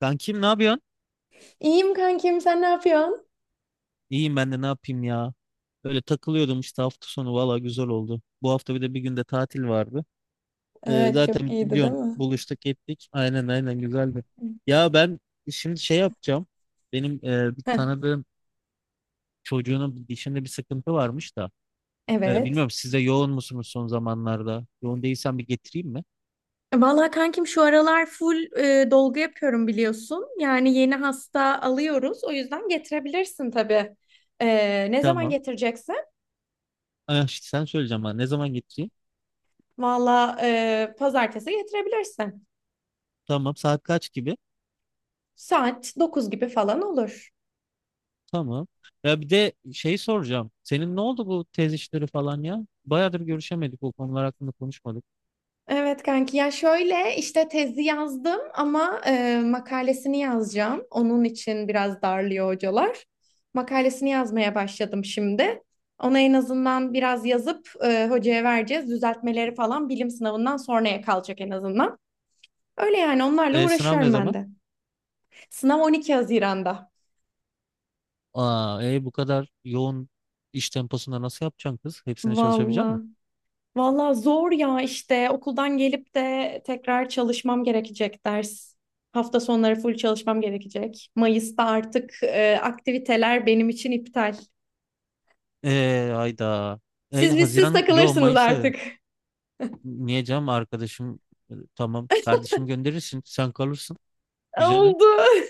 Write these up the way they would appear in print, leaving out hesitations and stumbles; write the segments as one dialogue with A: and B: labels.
A: Ben kim ne yapıyorsun?
B: İyiyim kankim, sen ne yapıyorsun?
A: İyiyim ben de ne yapayım ya. Böyle takılıyordum işte hafta sonu valla güzel oldu. Bu hafta bir de bir günde tatil vardı.
B: Evet çok
A: Zaten
B: iyiydi değil
A: biliyorsun
B: mi?
A: buluştuk ettik. Aynen aynen güzeldi. Ya ben şimdi şey yapacağım. Benim bir
B: Heh,
A: tanıdığım çocuğunun bir dişinde bir sıkıntı varmış da.
B: evet.
A: Bilmiyorum siz de yoğun musunuz son zamanlarda? Yoğun değilsen bir getireyim mi?
B: Vallahi kankim şu aralar full dolgu yapıyorum biliyorsun. Yani yeni hasta alıyoruz. O yüzden getirebilirsin tabii. Ne zaman
A: Tamam.
B: getireceksin?
A: Ah, işte sen söyleyeceğim bana ne zaman getireyim?
B: Vallahi pazartesi getirebilirsin.
A: Tamam saat kaç gibi?
B: Saat 9 gibi falan olur.
A: Tamam. Ya bir de şey soracağım. Senin ne oldu bu tez işleri falan ya? Bayağıdır görüşemedik. Bu konular hakkında konuşmadık.
B: Evet kanki ya şöyle işte tezi yazdım ama makalesini yazacağım. Onun için biraz darlıyor hocalar. Makalesini yazmaya başladım şimdi. Ona en azından biraz yazıp hocaya vereceğiz. Düzeltmeleri falan bilim sınavından sonraya kalacak en azından. Öyle yani onlarla
A: Sınav ne
B: uğraşıyorum ben
A: zaman?
B: de. Sınav 12 Haziran'da.
A: Aa, bu kadar yoğun iş temposunda nasıl yapacaksın kız? Hepsine çalışabilecek misin?
B: Vallahi. Valla zor ya işte okuldan gelip de tekrar çalışmam gerekecek ders. Hafta sonları full çalışmam gerekecek. Mayıs'ta artık aktiviteler benim için iptal.
A: Hayda.
B: Siz
A: Haziran, yo
B: takılırsınız
A: Mayıs'ta dedim.
B: artık.
A: Niye canım arkadaşım? Tamam kardeşim gönderirsin. Sen kalırsın. Bize ne?
B: Oldu.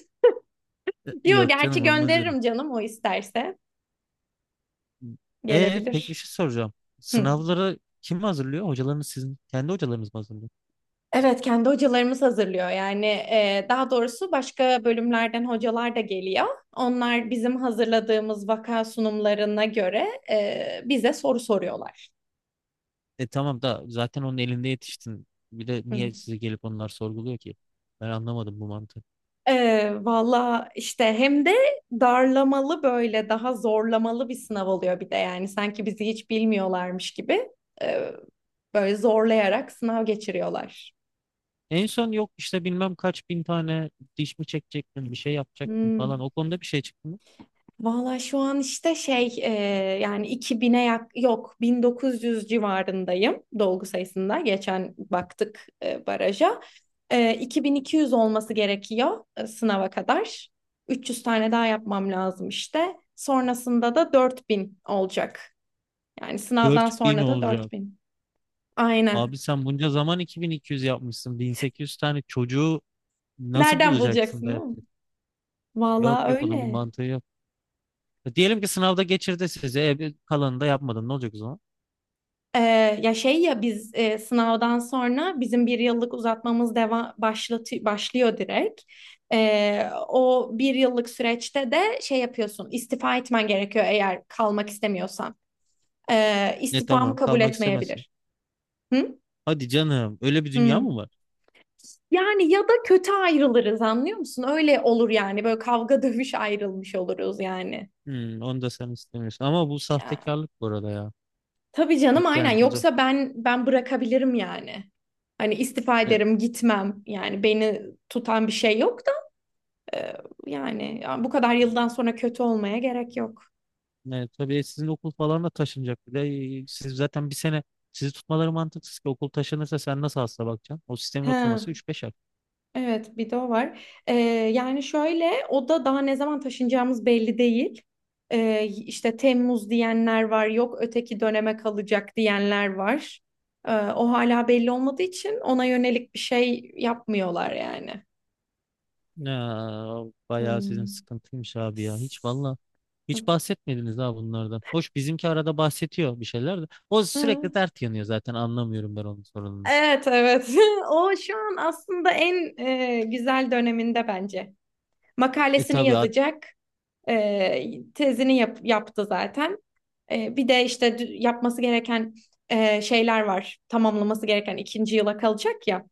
B: Yo
A: Yok
B: gerçi
A: canım olmaz öyle.
B: gönderirim canım o isterse
A: Peki bir
B: gelebilir.
A: şey soracağım.
B: Hı.
A: Sınavları kim hazırlıyor? Hocalarınız sizin kendi hocalarınız mı hazırlıyor?
B: Evet kendi hocalarımız hazırlıyor yani daha doğrusu başka bölümlerden hocalar da geliyor. Onlar bizim hazırladığımız vaka sunumlarına göre bize soru soruyorlar.
A: E tamam da zaten onun elinde yetiştin. Bir de
B: Hı.
A: niye size gelip onlar sorguluyor ki? Ben anlamadım bu mantığı.
B: Valla işte hem de darlamalı böyle daha zorlamalı bir sınav oluyor bir de yani sanki bizi hiç bilmiyorlarmış gibi e, böyle zorlayarak sınav geçiriyorlar.
A: En son yok işte bilmem kaç bin tane diş mi çekecektin, bir şey yapacaktın
B: Hmm.
A: falan. O konuda bir şey çıktı mı?
B: Valla şu an işte şey yani 2000'e yok 1900 civarındayım dolgu sayısında. Geçen baktık baraja. 2200 olması gerekiyor sınava kadar. 300 tane daha yapmam lazım işte. Sonrasında da 4000 olacak. Yani sınavdan
A: 4000
B: sonra da
A: olacak.
B: 4000. Aynen.
A: Abi sen bunca zaman iki bin iki yüz yapmışsın. Bin sekiz yüz tane çocuğu nasıl
B: Nereden
A: bulacaksın
B: bulacaksın
A: da
B: değil mi?
A: yaptın? Yok
B: Valla
A: yok onun bir
B: öyle.
A: mantığı yok. E diyelim ki sınavda geçirdi sizi. Bir kalanını da yapmadın. Ne olacak o zaman?
B: Ya şey ya biz sınavdan sonra bizim bir yıllık uzatmamız deva başlatı başlıyor direkt. O bir yıllık süreçte de şey yapıyorsun istifa etmen gerekiyor eğer kalmak istemiyorsan.
A: Ne
B: İstifamı
A: tamam
B: kabul
A: kalmak istemezsin.
B: etmeyebilir. Hı?
A: Hadi canım öyle bir dünya
B: Hı.
A: mı var?
B: Yani ya da kötü ayrılırız anlıyor musun? Öyle olur yani böyle kavga dövüş ayrılmış oluruz yani.
A: Hmm, onu da sen istemiyorsun. Ama bu sahtekarlık bu arada ya.
B: Tabii canım
A: Yok
B: aynen
A: yani burada
B: yoksa ben bırakabilirim yani. Hani istifa
A: e,
B: ederim gitmem yani beni tutan bir şey yok da e, yani ya bu kadar yıldan sonra kötü olmaya gerek yok.
A: tabii sizin okul falan da taşınacak. Bir de siz zaten bir sene sizi tutmaları mantıksız ki okul taşınırsa sen nasıl hasta bakacaksın? O sistemin
B: Ha,
A: oturması üç beş ay.
B: evet bir de o var. E, Yani şöyle o da daha ne zaman taşınacağımız belli değil. İşte Temmuz diyenler var yok öteki döneme kalacak diyenler var. O hala belli olmadığı için ona yönelik bir şey yapmıyorlar yani.
A: Ya, bayağı sizin
B: Hmm.
A: sıkıntıymış abi ya. Hiç valla hiç bahsetmediniz ha bunlardan. Hoş bizimki arada bahsediyor bir şeyler de. O
B: Hı.
A: sürekli dert yanıyor zaten anlamıyorum ben onun sorununu.
B: Evet, evet. O şu an aslında en güzel döneminde bence.
A: E
B: Makalesini
A: tabii ad-
B: yazacak. Tezini yaptı zaten. Bir de işte yapması gereken şeyler var. Tamamlaması gereken ikinci yıla kalacak ya.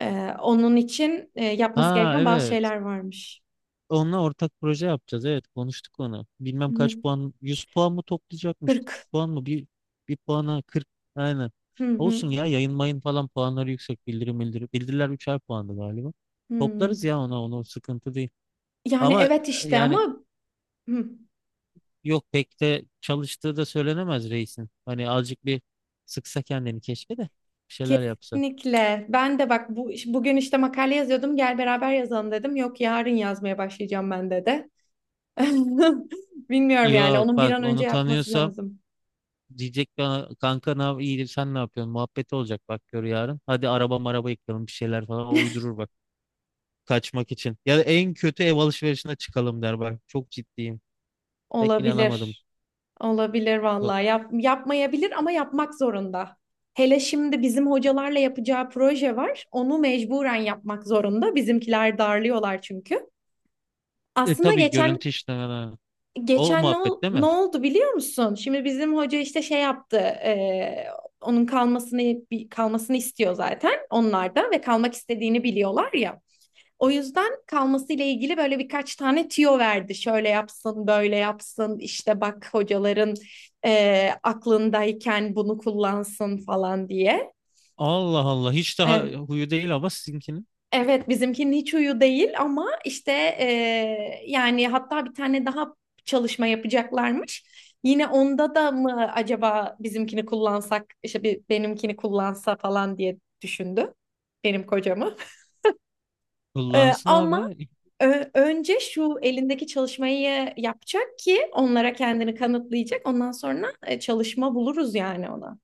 B: E, Onun için yapması
A: ha
B: gereken bazı
A: evet.
B: şeyler varmış.
A: Onunla ortak proje yapacağız. Evet konuştuk onu. Bilmem
B: Hı.
A: kaç puan 100 puan mı toplayacakmış 40
B: 40.
A: puan mı bir, bir puana 40, aynen.
B: Hı hı.
A: Olsun ya yayın mayın falan puanları yüksek bildirim. Bildiriler 3'er puandı galiba.
B: Hı.
A: Toplarız ya ona onu sıkıntı değil.
B: Yani
A: Ama
B: evet işte
A: yani
B: ama hı.
A: yok pek de çalıştığı da söylenemez reisin. Hani azıcık bir sıksa kendini keşke de bir şeyler yapsa.
B: Kesinlikle. Ben de bak bu bugün işte makale yazıyordum. Gel beraber yazalım dedim. Yok yarın yazmaya başlayacağım ben de. Bilmiyorum yani
A: Yok
B: onun bir
A: bak
B: an önce
A: onu
B: yapması
A: tanıyorsam
B: lazım.
A: diyecek bana kanka ne iyidir sen ne yapıyorsun? Muhabbeti olacak bak gör yarın. Hadi araba maraba yıkalım bir şeyler falan o uydurur bak kaçmak için. Ya da en kötü ev alışverişine çıkalım der bak çok ciddiyim. Pek inanamadım.
B: Olabilir. Olabilir
A: Bu-
B: vallahi. Yapmayabilir ama yapmak zorunda. Hele şimdi bizim hocalarla yapacağı proje var. Onu mecburen yapmak zorunda. Bizimkiler darlıyorlar çünkü. Aslında
A: Tabii
B: geçen
A: görüntü işte o
B: Geçen ne,
A: muhabbet değil
B: ne
A: mi?
B: oldu biliyor musun? Şimdi bizim hoca işte şey yaptı. Onun kalmasını kalmasını istiyor zaten onlar da ve kalmak istediğini biliyorlar ya. O yüzden kalması ile ilgili böyle birkaç tane tüyo verdi. Şöyle yapsın, böyle yapsın. İşte bak hocaların aklındayken bunu kullansın falan diye.
A: Allah Allah hiç daha
B: Eh,
A: huyu değil ama sizinkinin.
B: evet bizimkinin hiç huyu değil ama işte yani hatta bir tane daha çalışma yapacaklarmış. Yine onda da mı acaba bizimkini kullansak işte bir benimkini kullansa falan diye düşündü benim kocamı.
A: Kullansın
B: Ama
A: abi.
B: önce şu elindeki çalışmayı yapacak ki onlara kendini kanıtlayacak. Ondan sonra çalışma buluruz yani ona.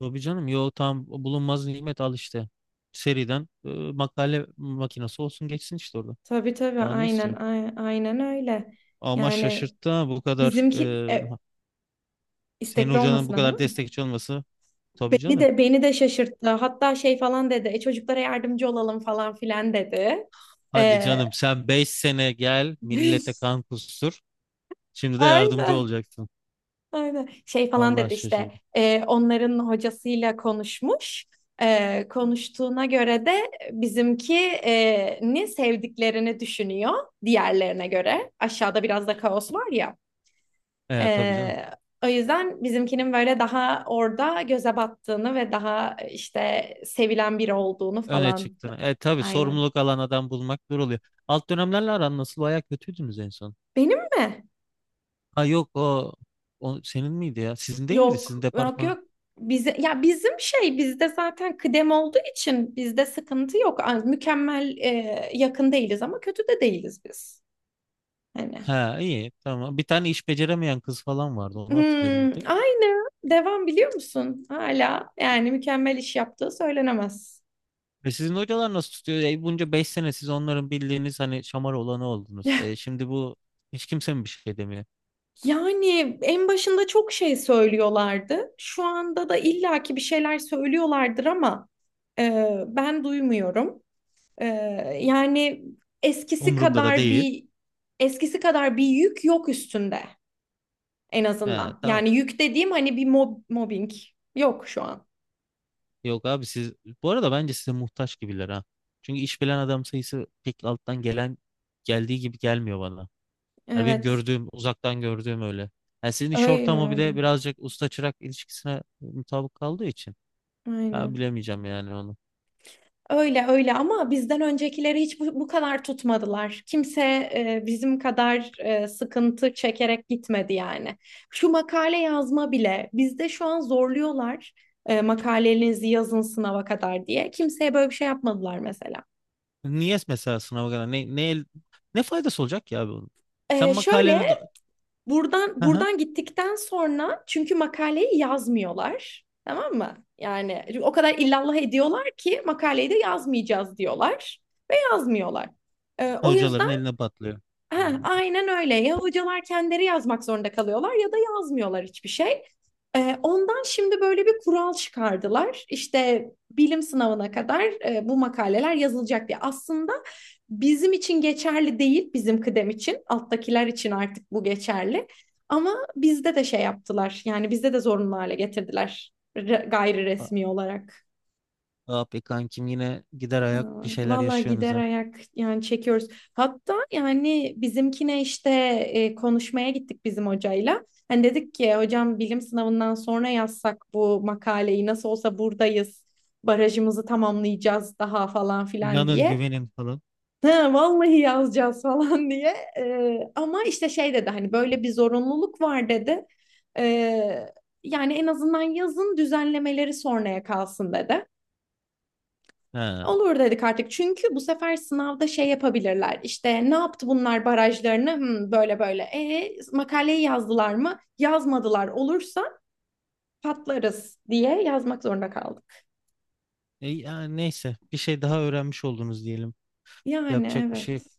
A: Tabii canım yo tam bulunmaz nimet al işte. Seriden makale makinesi olsun geçsin işte orada.
B: Tabii, tabii
A: Daha ne
B: aynen
A: istiyor?
B: aynen öyle.
A: Ama
B: Yani
A: şaşırttı ha bu kadar
B: bizimki
A: senin
B: istekli
A: hocanın bu
B: olmasına değil
A: kadar
B: mi?
A: destekçi olması tabii
B: Bir
A: canım.
B: de beni de şaşırttı. Hatta şey falan dedi. Çocuklara yardımcı olalım falan filan dedi.
A: Hadi
B: Ee,
A: canım sen 5 sene gel millete kan kustur. Şimdi de yardımcı
B: aynen,
A: olacaksın.
B: aynen. Şey falan
A: Vallahi
B: dedi işte.
A: şaşırdım.
B: Onların hocasıyla konuşmuş. Konuştuğuna göre de bizimki ni sevdiklerini düşünüyor diğerlerine göre. Aşağıda biraz da kaos var ya.
A: E tabii canım.
B: Ee, O yüzden bizimkinin böyle daha orada göze battığını ve daha işte sevilen biri olduğunu
A: Öne
B: falan.
A: çıktın. E tabii
B: Aynen.
A: sorumluluk alan adam bulmak zor oluyor. Alt dönemlerle aran nasıl? Bayağı kötüydünüz en son.
B: Benim mi?
A: Ha yok o, o senin miydi ya? Sizin değil miydi? Sizin
B: Yok, yok,
A: departman.
B: yok. Bize, ya bizim şey bizde zaten kıdem olduğu için bizde sıkıntı yok. Ay, mükemmel yakın değiliz ama kötü de değiliz biz. Hani.
A: Ha iyi tamam. Bir tane iş beceremeyen kız falan vardı. Onu hatırlıyorum bir
B: Hmm,
A: tek.
B: aynı. Devam biliyor musun? Hala yani mükemmel iş yaptığı söylenemez.
A: E sizin hocalar nasıl tutuyor? E bunca 5 sene siz onların bildiğiniz hani şamar olanı oldunuz. E şimdi bu hiç kimse mi bir şey demiyor?
B: Yani en başında çok şey söylüyorlardı. Şu anda da illaki bir şeyler söylüyorlardır ama ben duymuyorum. Ee, Yani eskisi
A: Umurumda da
B: kadar
A: değil.
B: bir eskisi kadar bir yük yok üstünde en
A: He,
B: azından.
A: tamam.
B: Yani yük dediğim hani bir mobbing yok şu an.
A: Yok abi siz bu arada bence size muhtaç gibiler ha. Çünkü iş bilen adam sayısı pek alttan gelen geldiği gibi gelmiyor bana. Yani benim
B: Evet,
A: gördüğüm uzaktan gördüğüm öyle. Yani sizin iş
B: öyle
A: ortamı bir de
B: öyle.
A: birazcık usta çırak ilişkisine mutabık kaldığı için. Ya
B: Aynen.
A: bilemeyeceğim yani onu.
B: Öyle öyle ama bizden öncekileri hiç bu kadar tutmadılar. Kimse bizim kadar sıkıntı çekerek gitmedi yani. Şu makale yazma bile bizde şu an zorluyorlar makalelerinizi yazın sınava kadar diye. Kimseye böyle bir şey yapmadılar mesela.
A: Niye mesela sınava kadar ne faydası olacak ya abi onun? Sen makaleni
B: Şöyle buradan gittikten sonra çünkü makaleyi yazmıyorlar. Tamam mı? Yani o kadar illallah ediyorlar ki makaleyi de yazmayacağız diyorlar. Yazmıyorlar. O
A: hocaların
B: yüzden
A: eline patlıyor.
B: heh,
A: Hmm.
B: aynen öyle. Ya hocalar kendileri yazmak zorunda kalıyorlar ya da yazmıyorlar hiçbir şey. Ondan şimdi böyle bir kural çıkardılar. İşte bilim sınavına kadar bu makaleler yazılacak diye. Aslında bizim için geçerli değil, bizim kıdem için. Alttakiler için artık bu geçerli. Ama bizde de şey yaptılar. Yani bizde de zorunlu hale getirdiler gayri
A: A-
B: resmi olarak.
A: Abi kankim yine gider ayak
B: Aa,
A: bir şeyler
B: vallahi
A: yaşıyorsunuz
B: gider
A: ha.
B: ayak yani çekiyoruz. Hatta yani bizimkine işte konuşmaya gittik bizim hocayla. Hani dedik ki hocam bilim sınavından sonra yazsak bu makaleyi nasıl olsa buradayız. Barajımızı tamamlayacağız daha falan filan
A: İnanın
B: diye.
A: güvenin falan.
B: Ha, vallahi yazacağız falan diye. Ama işte şey dedi hani böyle bir zorunluluk var dedi. E, Yani en azından yazın düzenlemeleri sonraya kalsın dedi.
A: Ha.
B: Olur dedik artık çünkü bu sefer sınavda şey yapabilirler işte ne yaptı bunlar barajlarını böyle böyle makaleyi yazdılar mı yazmadılar olursa patlarız diye yazmak zorunda kaldık.
A: Ya neyse bir şey daha öğrenmiş oldunuz diyelim.
B: Yani
A: Yapacak bir şey yok.
B: evet,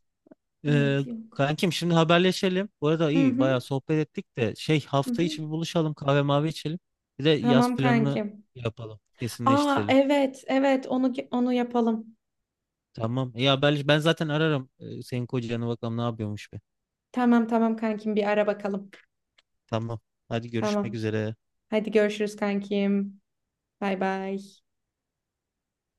A: Ee,
B: evet yok.
A: Kankim şimdi haberleşelim. Bu arada
B: Hı
A: iyi
B: hı,
A: bayağı sohbet ettik de şey
B: hı
A: hafta
B: hı.
A: içi bir buluşalım kahve mavi içelim. Bir de yaz
B: Tamam
A: planını
B: kankim.
A: yapalım.
B: Aa,
A: Kesinleştirelim.
B: evet, evet onu yapalım.
A: Tamam. İyi haberleş. Ben zaten ararım. Senin kocanı bakalım ne yapıyormuş be.
B: Tamam, tamam kankim bir ara bakalım.
A: Tamam. Hadi görüşmek
B: Tamam,
A: üzere.
B: hadi görüşürüz kankim. Bay bay.